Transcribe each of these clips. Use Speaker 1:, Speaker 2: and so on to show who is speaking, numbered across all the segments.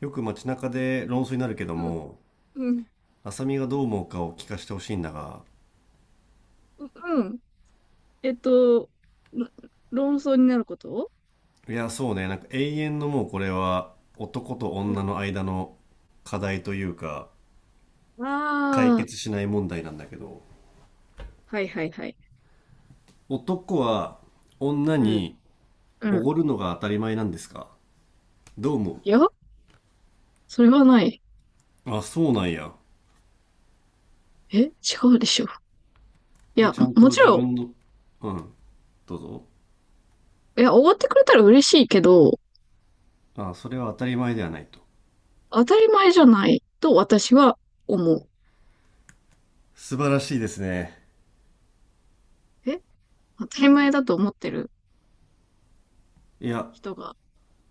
Speaker 1: よく街中で論争になるけど
Speaker 2: うん、
Speaker 1: も、
Speaker 2: うん、
Speaker 1: 浅見がどう思うかを聞かせてほしいんだが、
Speaker 2: うん。えっと、ろ論争になること。
Speaker 1: いや、そうね、なんか永遠のもうこれは男と
Speaker 2: う
Speaker 1: 女
Speaker 2: ん。
Speaker 1: の間の課題というか、解
Speaker 2: ああ、
Speaker 1: 決しない問題なんだけど、
Speaker 2: はいはいはい。
Speaker 1: 男は女
Speaker 2: うん、
Speaker 1: に
Speaker 2: う
Speaker 1: お
Speaker 2: ん。
Speaker 1: ごるのが当たり前なんですか？どう思
Speaker 2: いや、それはない。
Speaker 1: う？あ、そうなんや。
Speaker 2: え、違うでしょ。い
Speaker 1: え、
Speaker 2: や、
Speaker 1: ちゃん
Speaker 2: も
Speaker 1: と
Speaker 2: もち
Speaker 1: 自
Speaker 2: ろ
Speaker 1: 分の、うん、どうぞ。
Speaker 2: ん、いや、終わってくれたら嬉しいけど、
Speaker 1: あ、それは当たり前ではないと。
Speaker 2: 当たり前じゃないと私は思う。
Speaker 1: 素晴らしいですね。
Speaker 2: え、当たり前だと思ってる
Speaker 1: いや、
Speaker 2: 人が、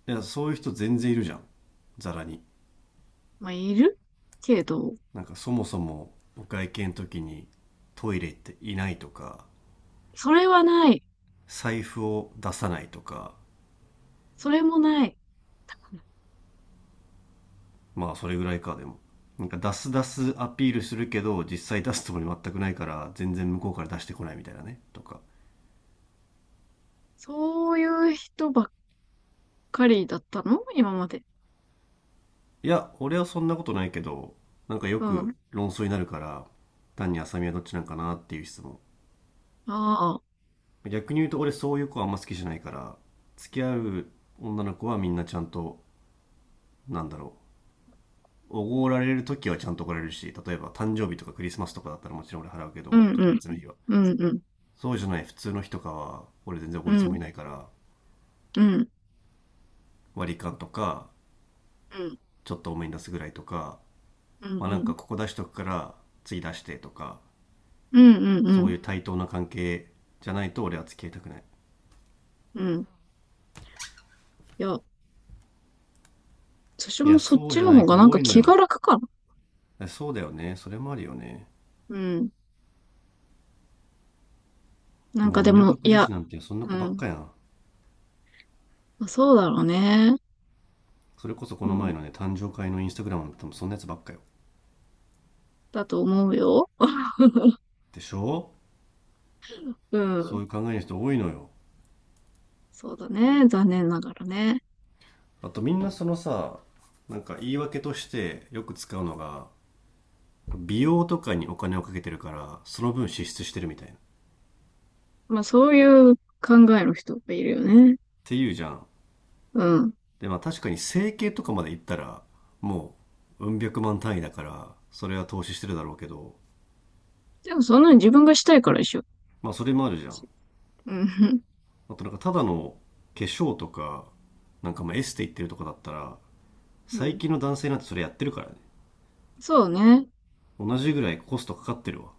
Speaker 1: いや、そういう人全然いるじゃん。ざらに。
Speaker 2: まあ、いるけど。
Speaker 1: なんかそもそもお会計の時にトイレ行っていないとか
Speaker 2: それはない。
Speaker 1: 財布を出さないとか、
Speaker 2: それもない。
Speaker 1: まあそれぐらいか。でもなんか出す出すアピールするけど、実際出すつもり全くないから、全然向こうから出してこないみたいなね、とか。
Speaker 2: そういう人ばっかりだったの今まで。
Speaker 1: いや、俺はそんなことないけど、なんかよ
Speaker 2: うん。あ
Speaker 1: く論争になるから、単に浅見はどっちなんかなっていう質問。
Speaker 2: あ。
Speaker 1: 逆に言うと俺そういう子はあんま好きじゃないから、付き合う女の子はみんなちゃんと、なんだろう、おごられる時はちゃんとおごられるし、例えば誕生日とかクリスマスとかだったらもちろん俺払うけ
Speaker 2: う
Speaker 1: ど、
Speaker 2: ん、
Speaker 1: 特
Speaker 2: うん、
Speaker 1: 別な日は。
Speaker 2: うん、うん、
Speaker 1: そうじゃない普通の日とかは、俺全然お
Speaker 2: う
Speaker 1: ごるつも
Speaker 2: ん、
Speaker 1: りないから、
Speaker 2: うん、
Speaker 1: 割り勘とか、
Speaker 2: うん、
Speaker 1: ちょっと多めに出すぐらいとか、
Speaker 2: うん、
Speaker 1: まあ
Speaker 2: う
Speaker 1: なん
Speaker 2: ん、
Speaker 1: かここ出しとくから次出してとか、
Speaker 2: うん、うん、う
Speaker 1: そう
Speaker 2: ん、
Speaker 1: いう対等な関係じゃないと俺は付き合いたくない。
Speaker 2: うん。いや、私
Speaker 1: い
Speaker 2: も
Speaker 1: や、
Speaker 2: そっ
Speaker 1: そう
Speaker 2: ち
Speaker 1: じゃ
Speaker 2: の
Speaker 1: な
Speaker 2: 方
Speaker 1: い
Speaker 2: がな
Speaker 1: 子
Speaker 2: ん
Speaker 1: 多
Speaker 2: か
Speaker 1: いの
Speaker 2: 気が
Speaker 1: よ。
Speaker 2: 楽かな。
Speaker 1: そうだよね。それもあるよね。
Speaker 2: うん。なん
Speaker 1: も
Speaker 2: か
Speaker 1: う
Speaker 2: でも、
Speaker 1: 港
Speaker 2: い
Speaker 1: 区女
Speaker 2: や、
Speaker 1: 子なんてそんな
Speaker 2: う
Speaker 1: 子ばっ
Speaker 2: ん。
Speaker 1: かやん。
Speaker 2: まあそうだろうね。
Speaker 1: それこそこ
Speaker 2: う
Speaker 1: の前
Speaker 2: ん。
Speaker 1: のね、誕生会のインスタグラムなんて多分そんなやつばっかよ。
Speaker 2: だと思うよ。
Speaker 1: でしょ？
Speaker 2: う
Speaker 1: そ
Speaker 2: ん。
Speaker 1: ういう考えの人多いのよ。
Speaker 2: そうだね。残念ながらね。
Speaker 1: あとみんなそのさ、なんか言い訳としてよく使うのが、美容とかにお金をかけてるからその分支出してるみたいなっ
Speaker 2: まあそういう考えの人がいるよね。
Speaker 1: ていうじゃん。
Speaker 2: うん。
Speaker 1: でまあ確かに整形とかまで行ったら、もう百万単位だから、それは投資してるだろうけど、
Speaker 2: でもそんなに自分がしたいからでしょ。
Speaker 1: まあそれもあるじゃん。
Speaker 2: うん。
Speaker 1: あとなんかただの化粧とか、なんかまあエステ行ってるとかだったら、
Speaker 2: う
Speaker 1: 最
Speaker 2: ん。
Speaker 1: 近の男性なんてそれやってるからね。
Speaker 2: そうね。
Speaker 1: 同じぐらいコストかかってるわ。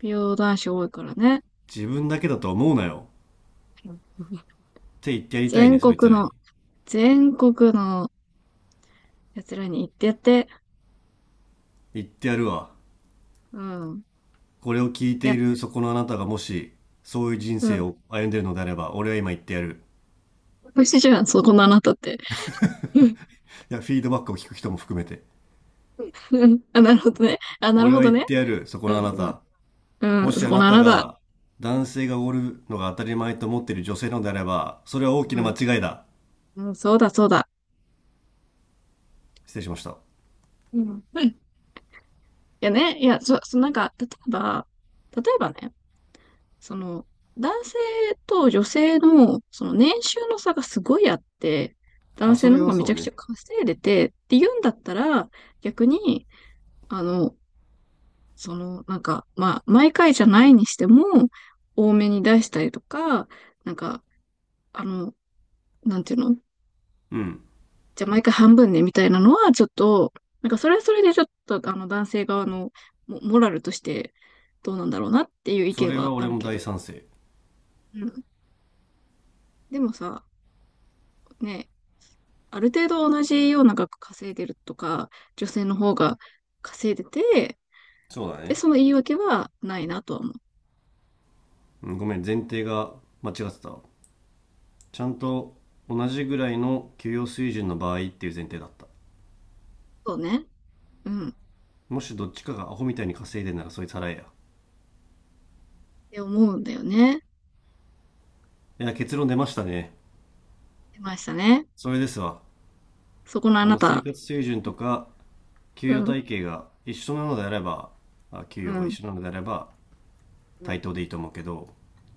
Speaker 2: 美容男子多いからね。
Speaker 1: 自分だけだと思うなよっ
Speaker 2: うん。
Speaker 1: て言ってやりたい
Speaker 2: 全
Speaker 1: ね、そいつ
Speaker 2: 国
Speaker 1: ら
Speaker 2: の
Speaker 1: に。
Speaker 2: 全国の奴らに行ってやって。
Speaker 1: 言ってやるわ。
Speaker 2: うん。
Speaker 1: これを聞い
Speaker 2: い
Speaker 1: て
Speaker 2: や、
Speaker 1: いるそこのあなたがもし、そういう人
Speaker 2: う
Speaker 1: 生
Speaker 2: ん。
Speaker 1: を歩んでいるのであれば、俺は今言ってやる。
Speaker 2: 美味しいじゃん、そこのあなたって。うん。
Speaker 1: いや、フィードバックを聞く人も含めて。
Speaker 2: うん。あ、なるほどね。あ、なる
Speaker 1: 俺
Speaker 2: ほ
Speaker 1: は
Speaker 2: ど
Speaker 1: 言っ
Speaker 2: ね。
Speaker 1: てやる、そこ
Speaker 2: うん、
Speaker 1: のあなた。
Speaker 2: うん。
Speaker 1: も
Speaker 2: うん、
Speaker 1: し
Speaker 2: そ
Speaker 1: あ
Speaker 2: こ
Speaker 1: な
Speaker 2: のあ
Speaker 1: た
Speaker 2: なた。
Speaker 1: が、男性がおるのが当たり前と思っている女性なのであれば、それは大きな
Speaker 2: う
Speaker 1: 間
Speaker 2: ん。
Speaker 1: 違いだ。
Speaker 2: うん、そうだ、そうだ。
Speaker 1: 失礼しました。
Speaker 2: うん。うん。いやね、いや、なんか、例えば、例えばね、その、男性と女性の、その年収の差がすごいあって、男
Speaker 1: あ、そ
Speaker 2: 性の
Speaker 1: れ
Speaker 2: 方
Speaker 1: は
Speaker 2: がめ
Speaker 1: そ
Speaker 2: ち
Speaker 1: う
Speaker 2: ゃくち
Speaker 1: ね。
Speaker 2: ゃ稼いでてって言うんだったら、逆に、あの、なんか、まあ、毎回じゃないにしても、多めに出したりとか、なんか、あの、なんていうの、
Speaker 1: うん。
Speaker 2: じゃあ毎回半分ね、みたいなのは、ちょっと、なんか、それはそれでちょっと、男性側のモラルとして、どうなんだろうなっていう意
Speaker 1: そ
Speaker 2: 見
Speaker 1: れは
Speaker 2: はあ
Speaker 1: 俺
Speaker 2: る
Speaker 1: も
Speaker 2: けど。
Speaker 1: 大賛成。
Speaker 2: うん。でもさ、ね、ある程度同じような額稼いでるとか、女性の方が稼いでて、
Speaker 1: そうだ
Speaker 2: で、
Speaker 1: ね。
Speaker 2: その言い訳はないなとは思う。
Speaker 1: うん、ごめん、前提が間違ってた。ちゃんと同じぐらいの給与水準の場合っていう前提だった。
Speaker 2: そうね。うん。っ
Speaker 1: もしどっちかがアホみたいに稼いでんなら、そいつ払えや。
Speaker 2: て思うんだよね。
Speaker 1: いや、結論出ましたね。
Speaker 2: 出ましたね。
Speaker 1: それですわ。
Speaker 2: そこのあ
Speaker 1: あ
Speaker 2: な
Speaker 1: の、生
Speaker 2: た。
Speaker 1: 活水準とか給
Speaker 2: う
Speaker 1: 与
Speaker 2: ん、
Speaker 1: 体系が一緒なのであれば、あ、給
Speaker 2: う
Speaker 1: 与が一
Speaker 2: ん、
Speaker 1: 緒なのであれば
Speaker 2: う
Speaker 1: 対
Speaker 2: ん、
Speaker 1: 等でいいと思うけど、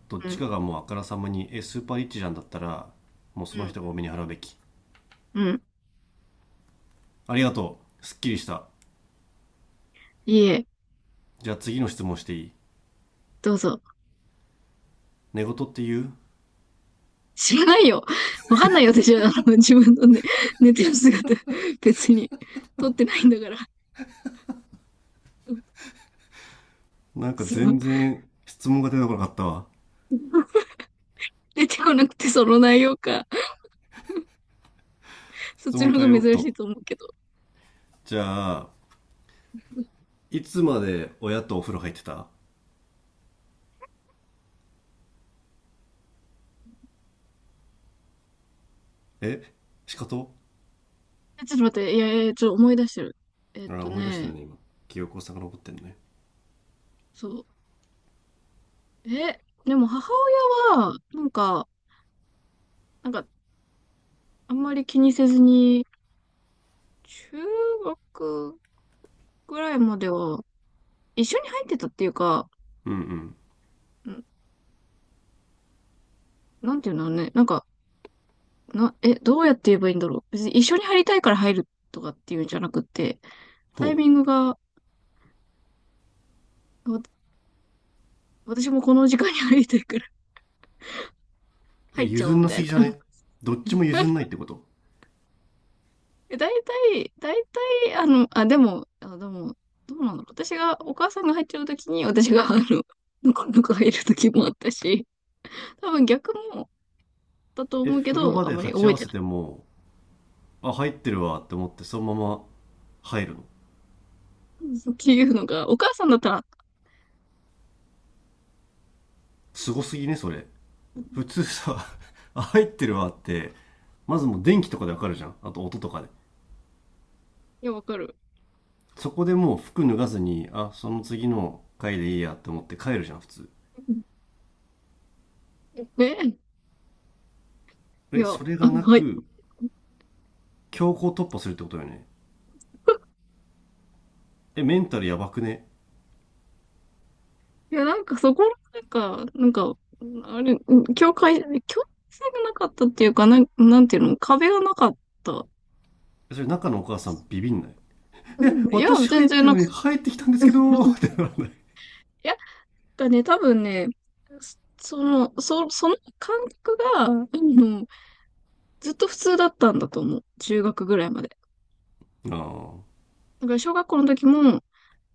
Speaker 1: どっ
Speaker 2: う
Speaker 1: ち
Speaker 2: ん、
Speaker 1: かがもうあからさまに、え、スーパーリッチじゃんだったら、もうそ
Speaker 2: う
Speaker 1: の
Speaker 2: ん、
Speaker 1: 人が多めに払うべき。
Speaker 2: うん。
Speaker 1: ありがとう。すっきりした。
Speaker 2: いいえ、
Speaker 1: じゃあ次の質問していい？
Speaker 2: どうぞ。
Speaker 1: 寝言って言
Speaker 2: 知らないよ。わかんないよ、私は。自分のね、寝てる姿、別に、撮ってないんだから。
Speaker 1: う、なんか
Speaker 2: そう。
Speaker 1: 全然質問が出てこなかったわ。
Speaker 2: 出てこなくて、その内容か。そっ
Speaker 1: 質
Speaker 2: ちの
Speaker 1: 問変
Speaker 2: 方
Speaker 1: え
Speaker 2: が
Speaker 1: ようっ
Speaker 2: 珍しい
Speaker 1: と。
Speaker 2: と思うけど。
Speaker 1: じゃあ、いつまで親とお風呂入ってた？え仕方。
Speaker 2: え、ちょっと待って、いやいや、ちょっと思い出してる。えっ
Speaker 1: ああ、
Speaker 2: と
Speaker 1: 思い出してる
Speaker 2: ね、
Speaker 1: ね、今。記憶を遡ってるね。
Speaker 2: そう。え、でも母親は、なんか、あんまり気にせずに、中学ぐらいまでは、一緒に入ってたっていうか、
Speaker 1: うんうん。
Speaker 2: んなんていうのね、なんか、どうやって言えばいいんだろう。別に一緒に入りたいから入るとかっていうんじゃなくて、
Speaker 1: ほ
Speaker 2: タイ
Speaker 1: う。
Speaker 2: ミングが、わ私もこの時間に入りたいから
Speaker 1: え、
Speaker 2: 入っちゃお
Speaker 1: 譲
Speaker 2: う
Speaker 1: ん
Speaker 2: み
Speaker 1: な
Speaker 2: たい
Speaker 1: す
Speaker 2: な。
Speaker 1: ぎじゃ ね？どっちも譲んないってこと？
Speaker 2: え、大体、あ、でも、どうなんだろう。私が、お母さんが入ってるときに、私が、ぬかぬか入るときもあったし、多分逆もだと
Speaker 1: え、
Speaker 2: 思うけ
Speaker 1: 風呂
Speaker 2: ど、
Speaker 1: 場
Speaker 2: あん
Speaker 1: で
Speaker 2: まり
Speaker 1: 鉢
Speaker 2: 覚
Speaker 1: 合
Speaker 2: え
Speaker 1: わ
Speaker 2: て
Speaker 1: せ
Speaker 2: ない。
Speaker 1: ても、あ、入ってるわって思ってそのまま入るの？
Speaker 2: っていうのが、お母さんだったら、
Speaker 1: すごすぎね、それ。普通さ、あ、入ってるわって、まずもう電気とかでわかるじゃん。あと音とかで。
Speaker 2: いや、わかる。
Speaker 1: そこでもう服脱がずに、あ、その次の回でいいやって思って帰るじゃん、普通。
Speaker 2: ね、い
Speaker 1: え、
Speaker 2: や、
Speaker 1: それがな
Speaker 2: はい。
Speaker 1: く、強行突破するってことよね。え、メンタルやばくね？
Speaker 2: いや、なんかそこなんか、なんか、あれ、境界線がなかったっていうか、なんていうの、壁がなかった。
Speaker 1: それ中のお母さんビビんない？
Speaker 2: う
Speaker 1: え、
Speaker 2: いや、
Speaker 1: 私入
Speaker 2: 全
Speaker 1: っ
Speaker 2: 然
Speaker 1: てん
Speaker 2: なん
Speaker 1: の
Speaker 2: か、
Speaker 1: に入ってきたんですけど、って ならない？
Speaker 2: いや、だね、多分ね、そその感覚が、うずっと普通だったんだと思う。中学ぐらいまで。
Speaker 1: ああ、は
Speaker 2: だから小学校の時も、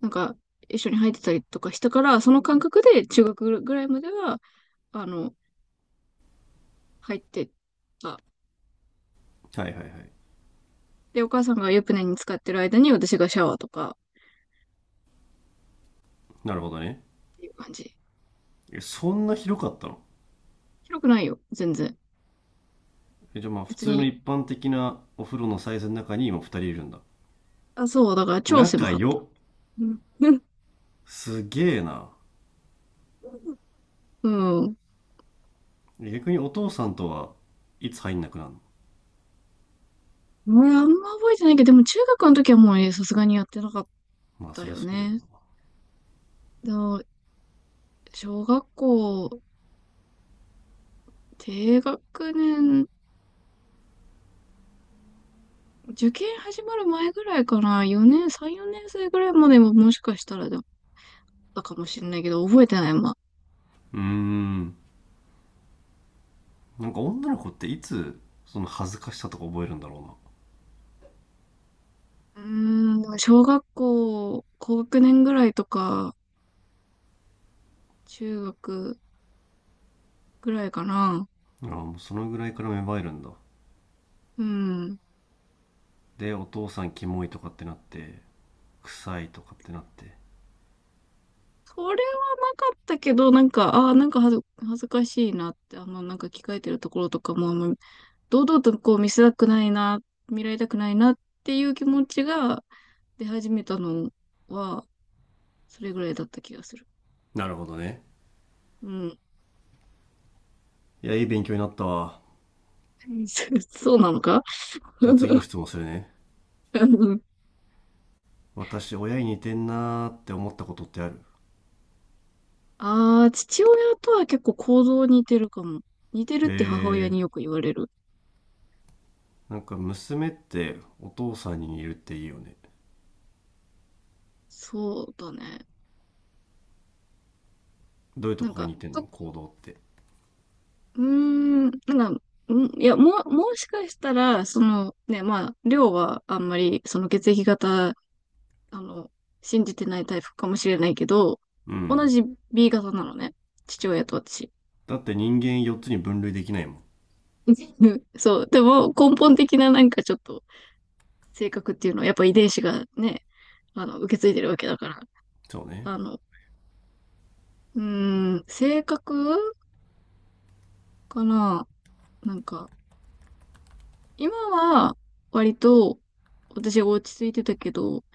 Speaker 2: なんか、一緒に入ってたりとかしたから、その感覚で中学ぐらいまでは、あの、入ってた。
Speaker 1: いはいはい。
Speaker 2: で、お母さんが湯船に使ってる間に私がシャワーとか
Speaker 1: なるほどね。
Speaker 2: っていう感じ。
Speaker 1: え、そんな広かったの？
Speaker 2: 広くないよ、全然。
Speaker 1: え、じゃあまあ普
Speaker 2: 別
Speaker 1: 通の
Speaker 2: に。
Speaker 1: 一般的なお風呂のサイズの中に今二人いるんだ。
Speaker 2: あ、そう、だから超
Speaker 1: 仲
Speaker 2: 狭かった。
Speaker 1: 良。
Speaker 2: うん。
Speaker 1: すげえな。
Speaker 2: うん。
Speaker 1: え、逆にお父さんとはいつ入んなくなるの？
Speaker 2: 俺あんま覚えてないけど、でも中学の時はもうね、さすがにやってなかっ
Speaker 1: まあ
Speaker 2: た
Speaker 1: そりゃ
Speaker 2: よ
Speaker 1: そうだよ
Speaker 2: ね。
Speaker 1: な。
Speaker 2: でも小学校、低学年、受験始まる前ぐらいかな。4年、3、4年生ぐらいまでももしかしたらだったかもしれないけど、覚えてない、まあ。
Speaker 1: うーん。なんか女の子っていつその恥ずかしさとか覚えるんだろ
Speaker 2: うーん、小学校、高学年ぐらいとか、中学ぐらいかな。
Speaker 1: うな。ああ、もうそのぐらいから芽生えるんだ。
Speaker 2: うん。
Speaker 1: で、お父さんキモいとかってなって、臭いとかってなって。
Speaker 2: それはなかったけど、なんか、ああ、恥ずかしいなって、なんか着替えてるところとかも、あんま堂々とこう見せたくないな、見られたくないなっていう気持ちが出始めたのは、それぐらいだった気がする。
Speaker 1: なるほどね。
Speaker 2: うん。
Speaker 1: いや、いい勉強になったわ。
Speaker 2: そうなのか
Speaker 1: じゃあ次の 質問するね。私、親に似てんなーって思ったことってある？
Speaker 2: ああ、父親とは結構行動似てるかも。似てるっ
Speaker 1: へ
Speaker 2: て母親
Speaker 1: え、
Speaker 2: によく言われる。
Speaker 1: なんか娘ってお父さんに似るっていいよね。
Speaker 2: そうだね。
Speaker 1: どういうと
Speaker 2: なん
Speaker 1: こが
Speaker 2: か、
Speaker 1: 似てんの、
Speaker 2: と
Speaker 1: 行動って。
Speaker 2: うーん、なんか、うんいや、もしかしたら、そのね、まあ、量はあんまり、その血液型、あの、信じてないタイプかもしれないけど、
Speaker 1: う
Speaker 2: 同
Speaker 1: ん。
Speaker 2: じ B 型なのね。父親と私。
Speaker 1: だって人間4つに分類できないもん。
Speaker 2: そう。でも、根本的ななんかちょっと、性格っていうのは、やっぱ遺伝子がね、受け継いでるわけだから。
Speaker 1: そうね。
Speaker 2: あの、性格かな。なんか、今は、割と、私は落ち着いてたけど、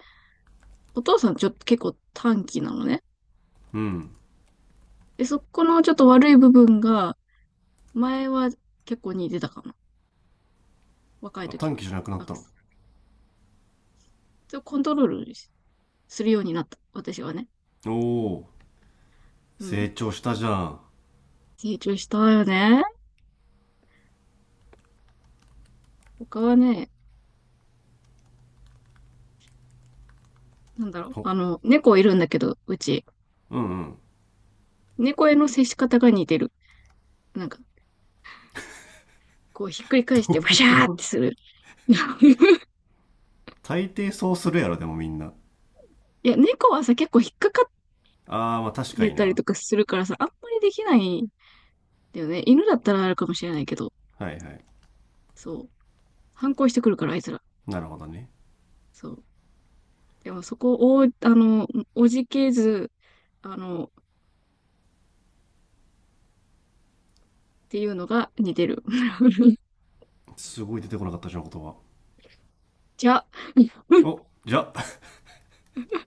Speaker 2: お父さんちょっと結構短気なのね。
Speaker 1: うん。
Speaker 2: で、そこのちょっと悪い部分が、前は結構似てたかな。若い
Speaker 1: あ、
Speaker 2: 時
Speaker 1: 短
Speaker 2: は。
Speaker 1: 期じゃなくなっ
Speaker 2: あ、
Speaker 1: たの？
Speaker 2: それをコントロールするようになった。私はね。
Speaker 1: おお、
Speaker 2: うん。
Speaker 1: 成長したじゃん。
Speaker 2: 成長したよね。他はね、なんだろう。
Speaker 1: ほ、
Speaker 2: 猫いるんだけど、うち。
Speaker 1: うんうん。
Speaker 2: 猫への接し方が似てる。なんか、こうひっくり 返し
Speaker 1: ど
Speaker 2: てバ
Speaker 1: うい
Speaker 2: シ
Speaker 1: うと
Speaker 2: ャー
Speaker 1: こ
Speaker 2: っ
Speaker 1: ろ？
Speaker 2: てする。い
Speaker 1: 大抵そうするやろ、でもみんな。
Speaker 2: や、猫はさ、結構引っかかっ
Speaker 1: ああ、まあ確か
Speaker 2: て
Speaker 1: に
Speaker 2: たり
Speaker 1: な。
Speaker 2: とかするからさ、あんまりできないんだよね。犬だったらあるかもしれないけど。
Speaker 1: はいはい。
Speaker 2: そう。反抗してくるから、あいつら。
Speaker 1: なるほどね。
Speaker 2: そう。でもそこを、おじけず、っていうのが似てる。
Speaker 1: すごい出てこなかったじゃん、言葉。
Speaker 2: じゃあ。
Speaker 1: お、じゃあ